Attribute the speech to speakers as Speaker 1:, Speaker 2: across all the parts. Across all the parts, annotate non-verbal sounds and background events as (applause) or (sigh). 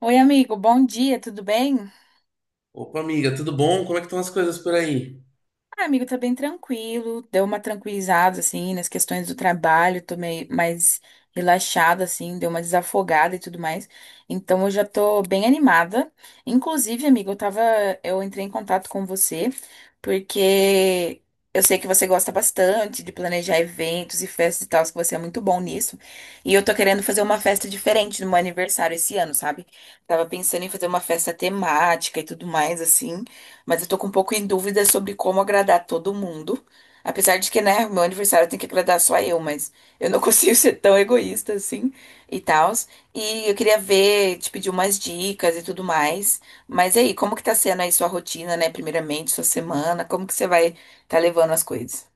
Speaker 1: Oi, amigo, bom dia, tudo bem?
Speaker 2: Opa, amiga, tudo bom? Como é que estão as coisas por aí?
Speaker 1: Ah, amigo, tá bem tranquilo, deu uma tranquilizada, assim, nas questões do trabalho, tô meio mais relaxada, assim, deu uma desafogada e tudo mais, então eu já tô bem animada. Inclusive, amigo, eu entrei em contato com você, porque eu sei que você gosta bastante de planejar eventos e festas e tal, que você é muito bom nisso, e eu tô querendo fazer uma festa diferente no meu aniversário esse ano, sabe? Tava pensando em fazer uma festa temática e tudo mais, assim, mas eu tô com um pouco em dúvida sobre como agradar todo mundo. Apesar de que, né, meu aniversário tem que agradar só eu, mas eu não (laughs) consigo ser tão egoísta assim e tal. E eu queria ver, te pedir umas dicas e tudo mais. Mas e aí, como que tá sendo aí sua rotina, né? Primeiramente, sua semana, como que você vai tá levando as coisas?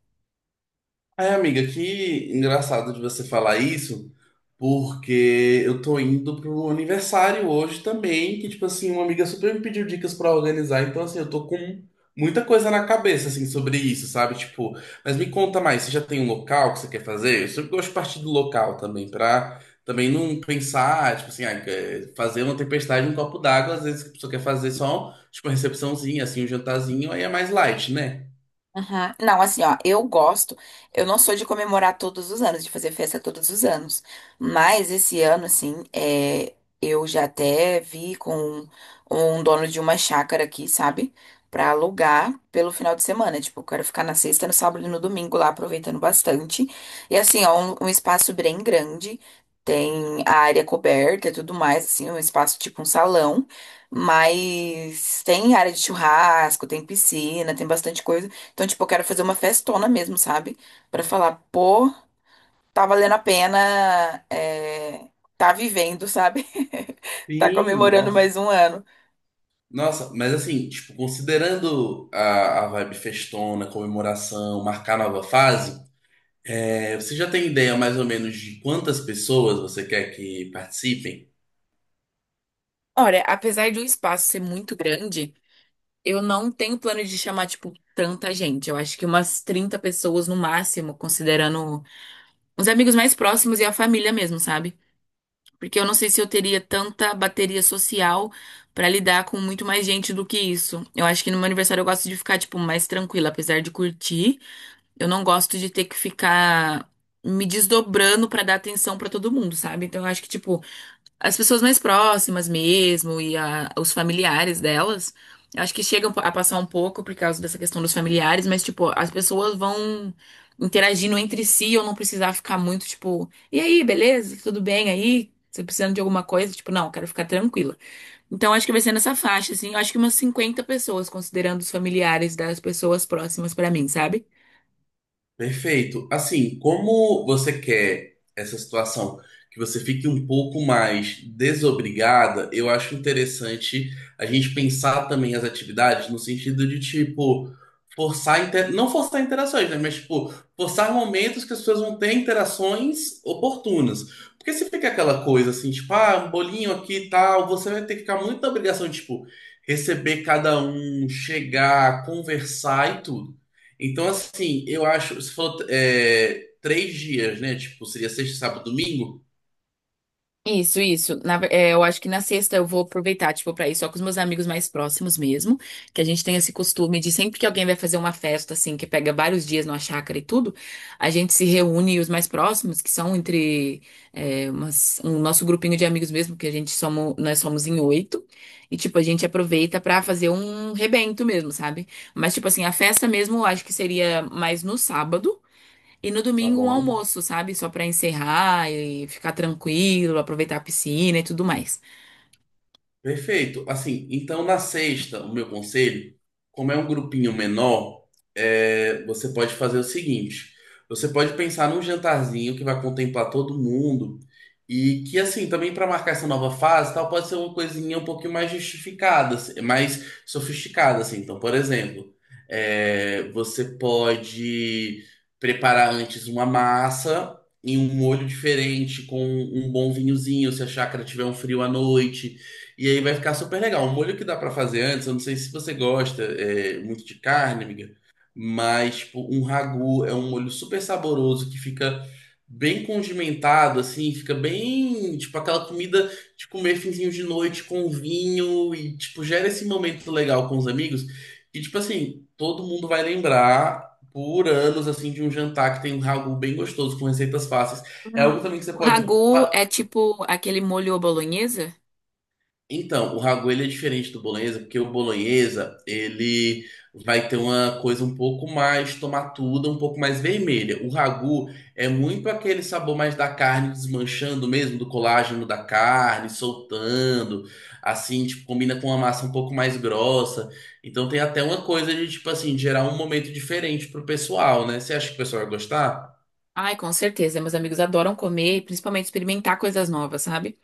Speaker 2: Ai, amiga, que engraçado de você falar isso, porque eu tô indo pro aniversário hoje também, que, tipo assim, uma amiga super me pediu dicas pra organizar, então, assim, eu tô com muita coisa na cabeça, assim, sobre isso, sabe? Tipo, mas me conta mais, você já tem um local que você quer fazer? Eu sempre gosto de partir do local também, pra também não pensar, tipo assim, ah, é, fazer uma tempestade em um copo d'água, às vezes a pessoa quer fazer só, tipo, uma recepçãozinha, assim, um jantarzinho, aí é mais light, né?
Speaker 1: Aham. Não, assim, ó, eu gosto. Eu não sou de comemorar todos os anos, de fazer festa todos os anos. Mas esse ano, assim, é, eu já até vi com um dono de uma chácara aqui, sabe? Pra alugar pelo final de semana. Tipo, eu quero ficar na sexta, no sábado e no domingo lá, aproveitando bastante. E assim, ó, um espaço bem grande. Tem a área coberta e tudo mais, assim, um espaço tipo um salão. Mas tem área de churrasco, tem piscina, tem bastante coisa, então, tipo, eu quero fazer uma festona mesmo, sabe? Pra falar, pô, tá valendo a pena, é, tá vivendo, sabe? (laughs) Tá
Speaker 2: Sim,
Speaker 1: comemorando
Speaker 2: nossa.
Speaker 1: mais um ano.
Speaker 2: Nossa, mas assim, tipo, considerando a vibe festona, comemoração, marcar nova fase, você já tem ideia mais ou menos de quantas pessoas você quer que participem?
Speaker 1: Olha, apesar de o espaço ser muito grande, eu não tenho plano de chamar, tipo, tanta gente. Eu acho que umas 30 pessoas no máximo, considerando os amigos mais próximos e a família mesmo, sabe? Porque eu não sei se eu teria tanta bateria social pra lidar com muito mais gente do que isso. Eu acho que no meu aniversário eu gosto de ficar, tipo, mais tranquila, apesar de curtir. Eu não gosto de ter que ficar me desdobrando pra dar atenção pra todo mundo, sabe? Então eu acho que, tipo, as pessoas mais próximas mesmo e os familiares delas, eu acho que chegam a passar um pouco por causa dessa questão dos familiares, mas, tipo, as pessoas vão interagindo entre si, eu não precisar ficar muito, tipo, e aí, beleza? Tudo bem aí? Você precisando de alguma coisa? Tipo, não, quero ficar tranquila. Então, acho que vai ser nessa faixa, assim. Eu acho que umas 50 pessoas, considerando os familiares das pessoas próximas pra mim, sabe?
Speaker 2: Perfeito. Assim, como você quer essa situação que você fique um pouco mais desobrigada, eu acho interessante a gente pensar também as atividades no sentido de, tipo, forçar, inter... não forçar interações, né? Mas, tipo, forçar momentos que as pessoas vão ter interações oportunas. Porque se fica aquela coisa assim, tipo, ah, um bolinho aqui e tal, você vai ter que ficar muito na obrigação, de, tipo, receber cada um, chegar, conversar e tudo. Então, assim, eu acho. Você falou três dias, né? Tipo, seria sexta, sábado, domingo?
Speaker 1: Isso, isso. É, eu acho que na sexta eu vou aproveitar, tipo, pra ir só com os meus amigos mais próximos mesmo, que a gente tem esse costume de sempre que alguém vai fazer uma festa, assim, que pega vários dias numa chácara e tudo, a gente se reúne os mais próximos, que são entre é, um nosso grupinho de amigos mesmo, que a gente somos, nós somos em oito, e, tipo, a gente aproveita pra fazer um rebento mesmo, sabe? Mas, tipo assim, a festa mesmo eu acho que seria mais no sábado, e no
Speaker 2: Tá
Speaker 1: domingo um
Speaker 2: bom.
Speaker 1: almoço, sabe? Só pra encerrar e ficar tranquilo, aproveitar a piscina e tudo mais.
Speaker 2: Perfeito. Assim, então na sexta, o meu conselho, como é um grupinho menor, você pode fazer o seguinte: você pode pensar num jantarzinho que vai contemplar todo mundo e que, assim, também para marcar essa nova fase, e tal, pode ser uma coisinha um pouquinho mais justificada, assim, mais sofisticada, assim. Então, por exemplo, você pode preparar antes uma massa. Em um molho diferente, com um bom vinhozinho, se a chácara tiver um frio à noite. E aí vai ficar super legal. Um molho que dá pra fazer antes, eu não sei se você gosta muito de carne, amiga, mas tipo, um ragu é um molho super saboroso que fica bem condimentado, assim, fica bem, tipo, aquela comida de comer finzinho de noite com vinho e, tipo, gera esse momento legal com os amigos. E, tipo assim, todo mundo vai lembrar por anos, assim, de um jantar que tem um ragu bem gostoso, com receitas fáceis. É
Speaker 1: Hum.
Speaker 2: algo também que você
Speaker 1: O
Speaker 2: pode.
Speaker 1: ragu é tipo aquele molho à bolonhesa?
Speaker 2: Então, o ragu ele é diferente do bolonhesa, porque o bolonhesa ele vai ter uma coisa um pouco mais tomatuda, um pouco mais vermelha. O ragu é muito aquele sabor mais da carne desmanchando mesmo, do colágeno da carne, soltando, assim, tipo, combina com uma massa um pouco mais grossa. Então tem até uma coisa de, tipo assim, gerar um momento diferente pro pessoal, né? Você acha que o pessoal vai gostar?
Speaker 1: Ai, com certeza. Meus amigos adoram comer, e principalmente experimentar coisas novas, sabe?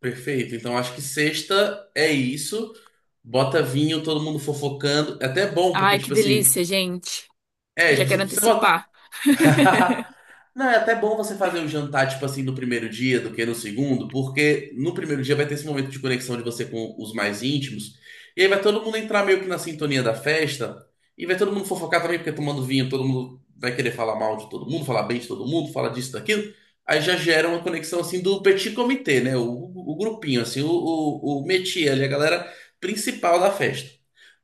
Speaker 2: Perfeito. Então acho que sexta é isso. Bota vinho, todo mundo fofocando. É até bom, porque,
Speaker 1: Ai, que
Speaker 2: tipo assim,
Speaker 1: delícia, gente.
Speaker 2: é,
Speaker 1: Já quero
Speaker 2: tipo, se você botar
Speaker 1: antecipar.
Speaker 2: (laughs) não, é até bom você fazer o jantar, tipo assim, no primeiro dia do que no segundo, porque no primeiro dia vai ter esse momento de conexão de você com os mais íntimos, e aí vai todo mundo entrar meio que na sintonia da festa, e vai todo mundo fofocar também, porque tomando vinho todo mundo vai querer falar mal de todo mundo, falar bem de todo mundo, falar disso, daquilo, aí já gera uma conexão assim do petit comité, né? O grupinho, assim, o métier ali, a galera principal da festa.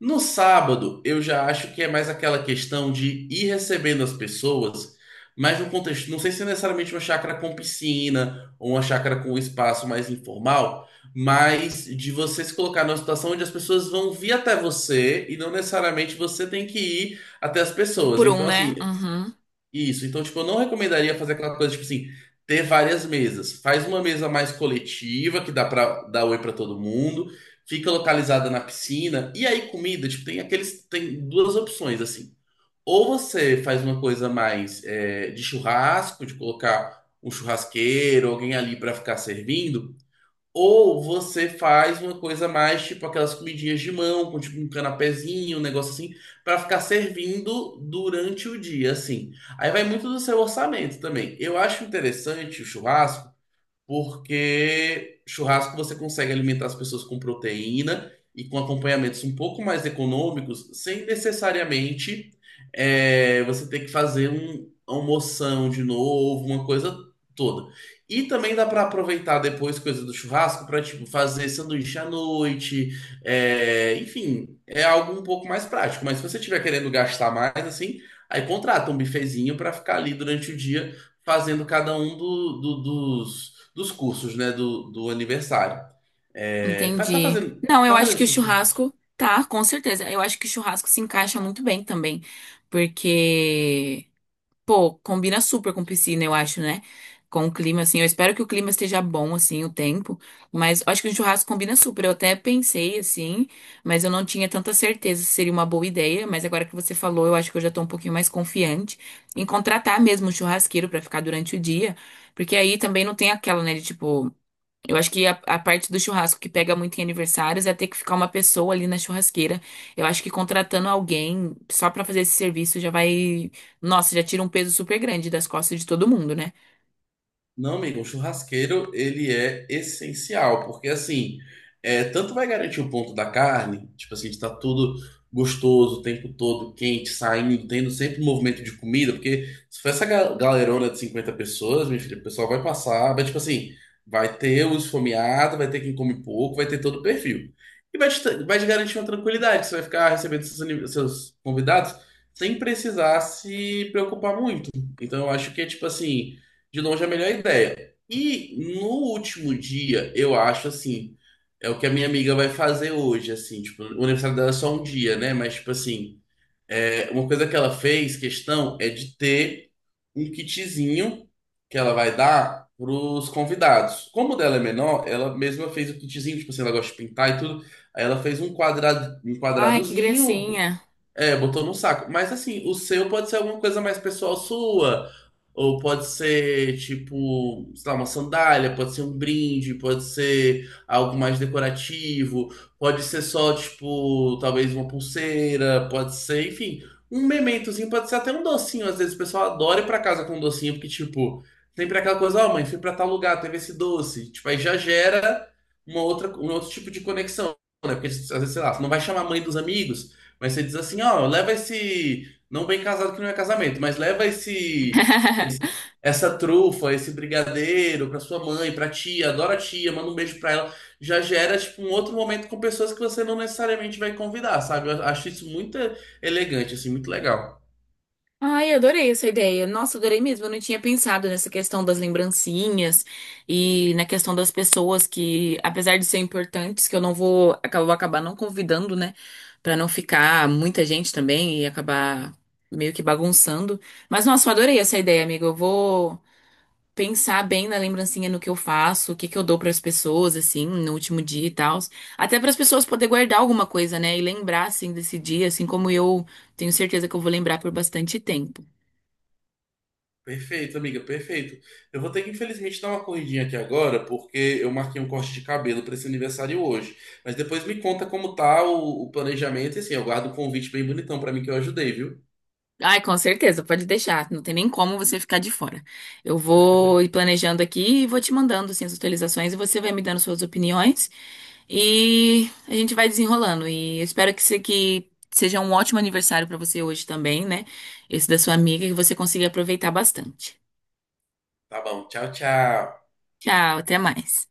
Speaker 2: No sábado, eu já acho que é mais aquela questão de ir recebendo as pessoas. Mas no contexto, não sei se é necessariamente uma chácara com piscina ou uma chácara com espaço mais informal, mas de você se colocar numa situação onde as pessoas vão vir até você e não necessariamente você tem que ir até as
Speaker 1: Um
Speaker 2: pessoas.
Speaker 1: por um,
Speaker 2: Então, assim,
Speaker 1: né? Uhum,
Speaker 2: isso. Então, tipo, eu não recomendaria fazer aquela coisa, tipo assim, ter várias mesas. Faz uma mesa mais coletiva, que dá pra dar oi pra todo mundo, fica localizada na piscina, e aí comida, tipo, tem aqueles, tem duas opções, assim. Ou você faz uma coisa mais de churrasco, de colocar um churrasqueiro, alguém ali para ficar servindo, ou você faz uma coisa mais tipo aquelas comidinhas de mão, com tipo um canapézinho, um negócio assim, para ficar servindo durante o dia, assim. Aí vai muito do seu orçamento também. Eu acho interessante o churrasco porque churrasco você consegue alimentar as pessoas com proteína e com acompanhamentos um pouco mais econômicos, sem necessariamente você ter que fazer uma moção de novo, uma coisa toda. E também dá para aproveitar depois coisa do churrasco para tipo fazer sanduíche à noite, enfim, é algo um pouco mais prático. Mas se você estiver querendo gastar mais assim, aí contrata um bifezinho para ficar ali durante o dia fazendo cada um dos cursos, né, do aniversário. É,
Speaker 1: entendi. Não, eu
Speaker 2: tá
Speaker 1: acho
Speaker 2: fazendo
Speaker 1: que o
Speaker 2: sentido.
Speaker 1: churrasco, tá, com certeza. Eu acho que o churrasco se encaixa muito bem também, porque pô, combina super com piscina, eu acho, né? Com o clima, assim. Eu espero que o clima esteja bom, assim, o tempo. Mas eu acho que o churrasco combina super. Eu até pensei, assim, mas eu não tinha tanta certeza se seria uma boa ideia. Mas agora que você falou, eu acho que eu já tô um pouquinho mais confiante em contratar mesmo um churrasqueiro pra ficar durante o dia. Porque aí também não tem aquela, né, de tipo. Eu acho que a parte do churrasco que pega muito em aniversários é ter que ficar uma pessoa ali na churrasqueira. Eu acho que contratando alguém só pra fazer esse serviço já vai. Nossa, já tira um peso super grande das costas de todo mundo, né?
Speaker 2: Não, amigo, o churrasqueiro ele é essencial, porque assim, é, tanto vai garantir o ponto da carne, tipo assim, de estar tudo gostoso o tempo todo, quente, saindo, tendo sempre movimento de comida, porque se for essa galerona de 50 pessoas, minha filha, o pessoal vai passar, vai tipo assim, vai ter os esfomeado, vai ter quem come pouco, vai ter todo o perfil. E vai te garantir uma tranquilidade, você vai ficar recebendo seus, seus convidados sem precisar se preocupar muito. Então eu acho que é tipo assim. De longe é a melhor ideia. E no último dia, eu acho assim, é o que a minha amiga vai fazer hoje, assim, tipo, o aniversário dela é só um dia, né? Mas, tipo assim, é, uma coisa que ela fez, questão, é de ter um kitzinho que ela vai dar pros convidados. Como o dela é menor, ela mesma fez o kitzinho, tipo assim, ela gosta de pintar e tudo. Aí ela fez um quadrado, um
Speaker 1: Ai, que
Speaker 2: quadradozinho,
Speaker 1: gracinha.
Speaker 2: é, botou no saco. Mas assim, o seu pode ser alguma coisa mais pessoal sua. Ou pode ser, tipo, sei lá, uma sandália, pode ser um brinde, pode ser algo mais decorativo, pode ser só, tipo, talvez uma pulseira, pode ser, enfim, um mementozinho, pode ser até um docinho. Às vezes o pessoal adora ir pra casa com um docinho, porque, tipo, sempre aquela coisa, ó, mãe, fui pra tal lugar, teve esse doce. Tipo, aí já gera um outro tipo de conexão, né? Porque às vezes, sei lá, você não vai chamar a mãe dos amigos. Mas você diz assim, ó, leva esse. Não bem casado que não é casamento, mas leva
Speaker 1: (laughs)
Speaker 2: esse- essa trufa, esse brigadeiro pra sua mãe, pra tia, adora a tia, manda um beijo pra ela. Já gera, tipo, um outro momento com pessoas que você não necessariamente vai convidar, sabe? Eu acho isso muito elegante, assim, muito legal.
Speaker 1: Ai, adorei essa ideia. Nossa, adorei mesmo. Eu não tinha pensado nessa questão das lembrancinhas e na questão das pessoas que, apesar de ser importantes, que eu não vou, vou acabar não convidando, né? Pra não ficar muita gente também e acabar meio que bagunçando. Mas, nossa, eu adorei essa ideia, amiga. Eu vou pensar bem na lembrancinha, no que eu faço, o que que eu dou pras pessoas, assim, no último dia e tal. Até para as pessoas poderem guardar alguma coisa, né? E lembrar, assim, desse dia, assim como eu tenho certeza que eu vou lembrar por bastante tempo.
Speaker 2: Perfeito, amiga, perfeito. Eu vou ter que, infelizmente, dar uma corridinha aqui agora, porque eu marquei um corte de cabelo para esse aniversário hoje. Mas depois me conta como tá o planejamento, e assim, eu guardo o convite bem bonitão para mim que eu ajudei, viu?
Speaker 1: Ai, com certeza, pode deixar. Não tem nem como você ficar de fora. Eu vou ir planejando aqui e vou te mandando assim, as atualizações e você vai me dando suas opiniões e a gente vai desenrolando. E eu espero que, que seja um ótimo aniversário para você hoje também, né? Esse da sua amiga, que você consiga aproveitar bastante.
Speaker 2: Tá bom, tchau, tchau.
Speaker 1: Tchau, até mais.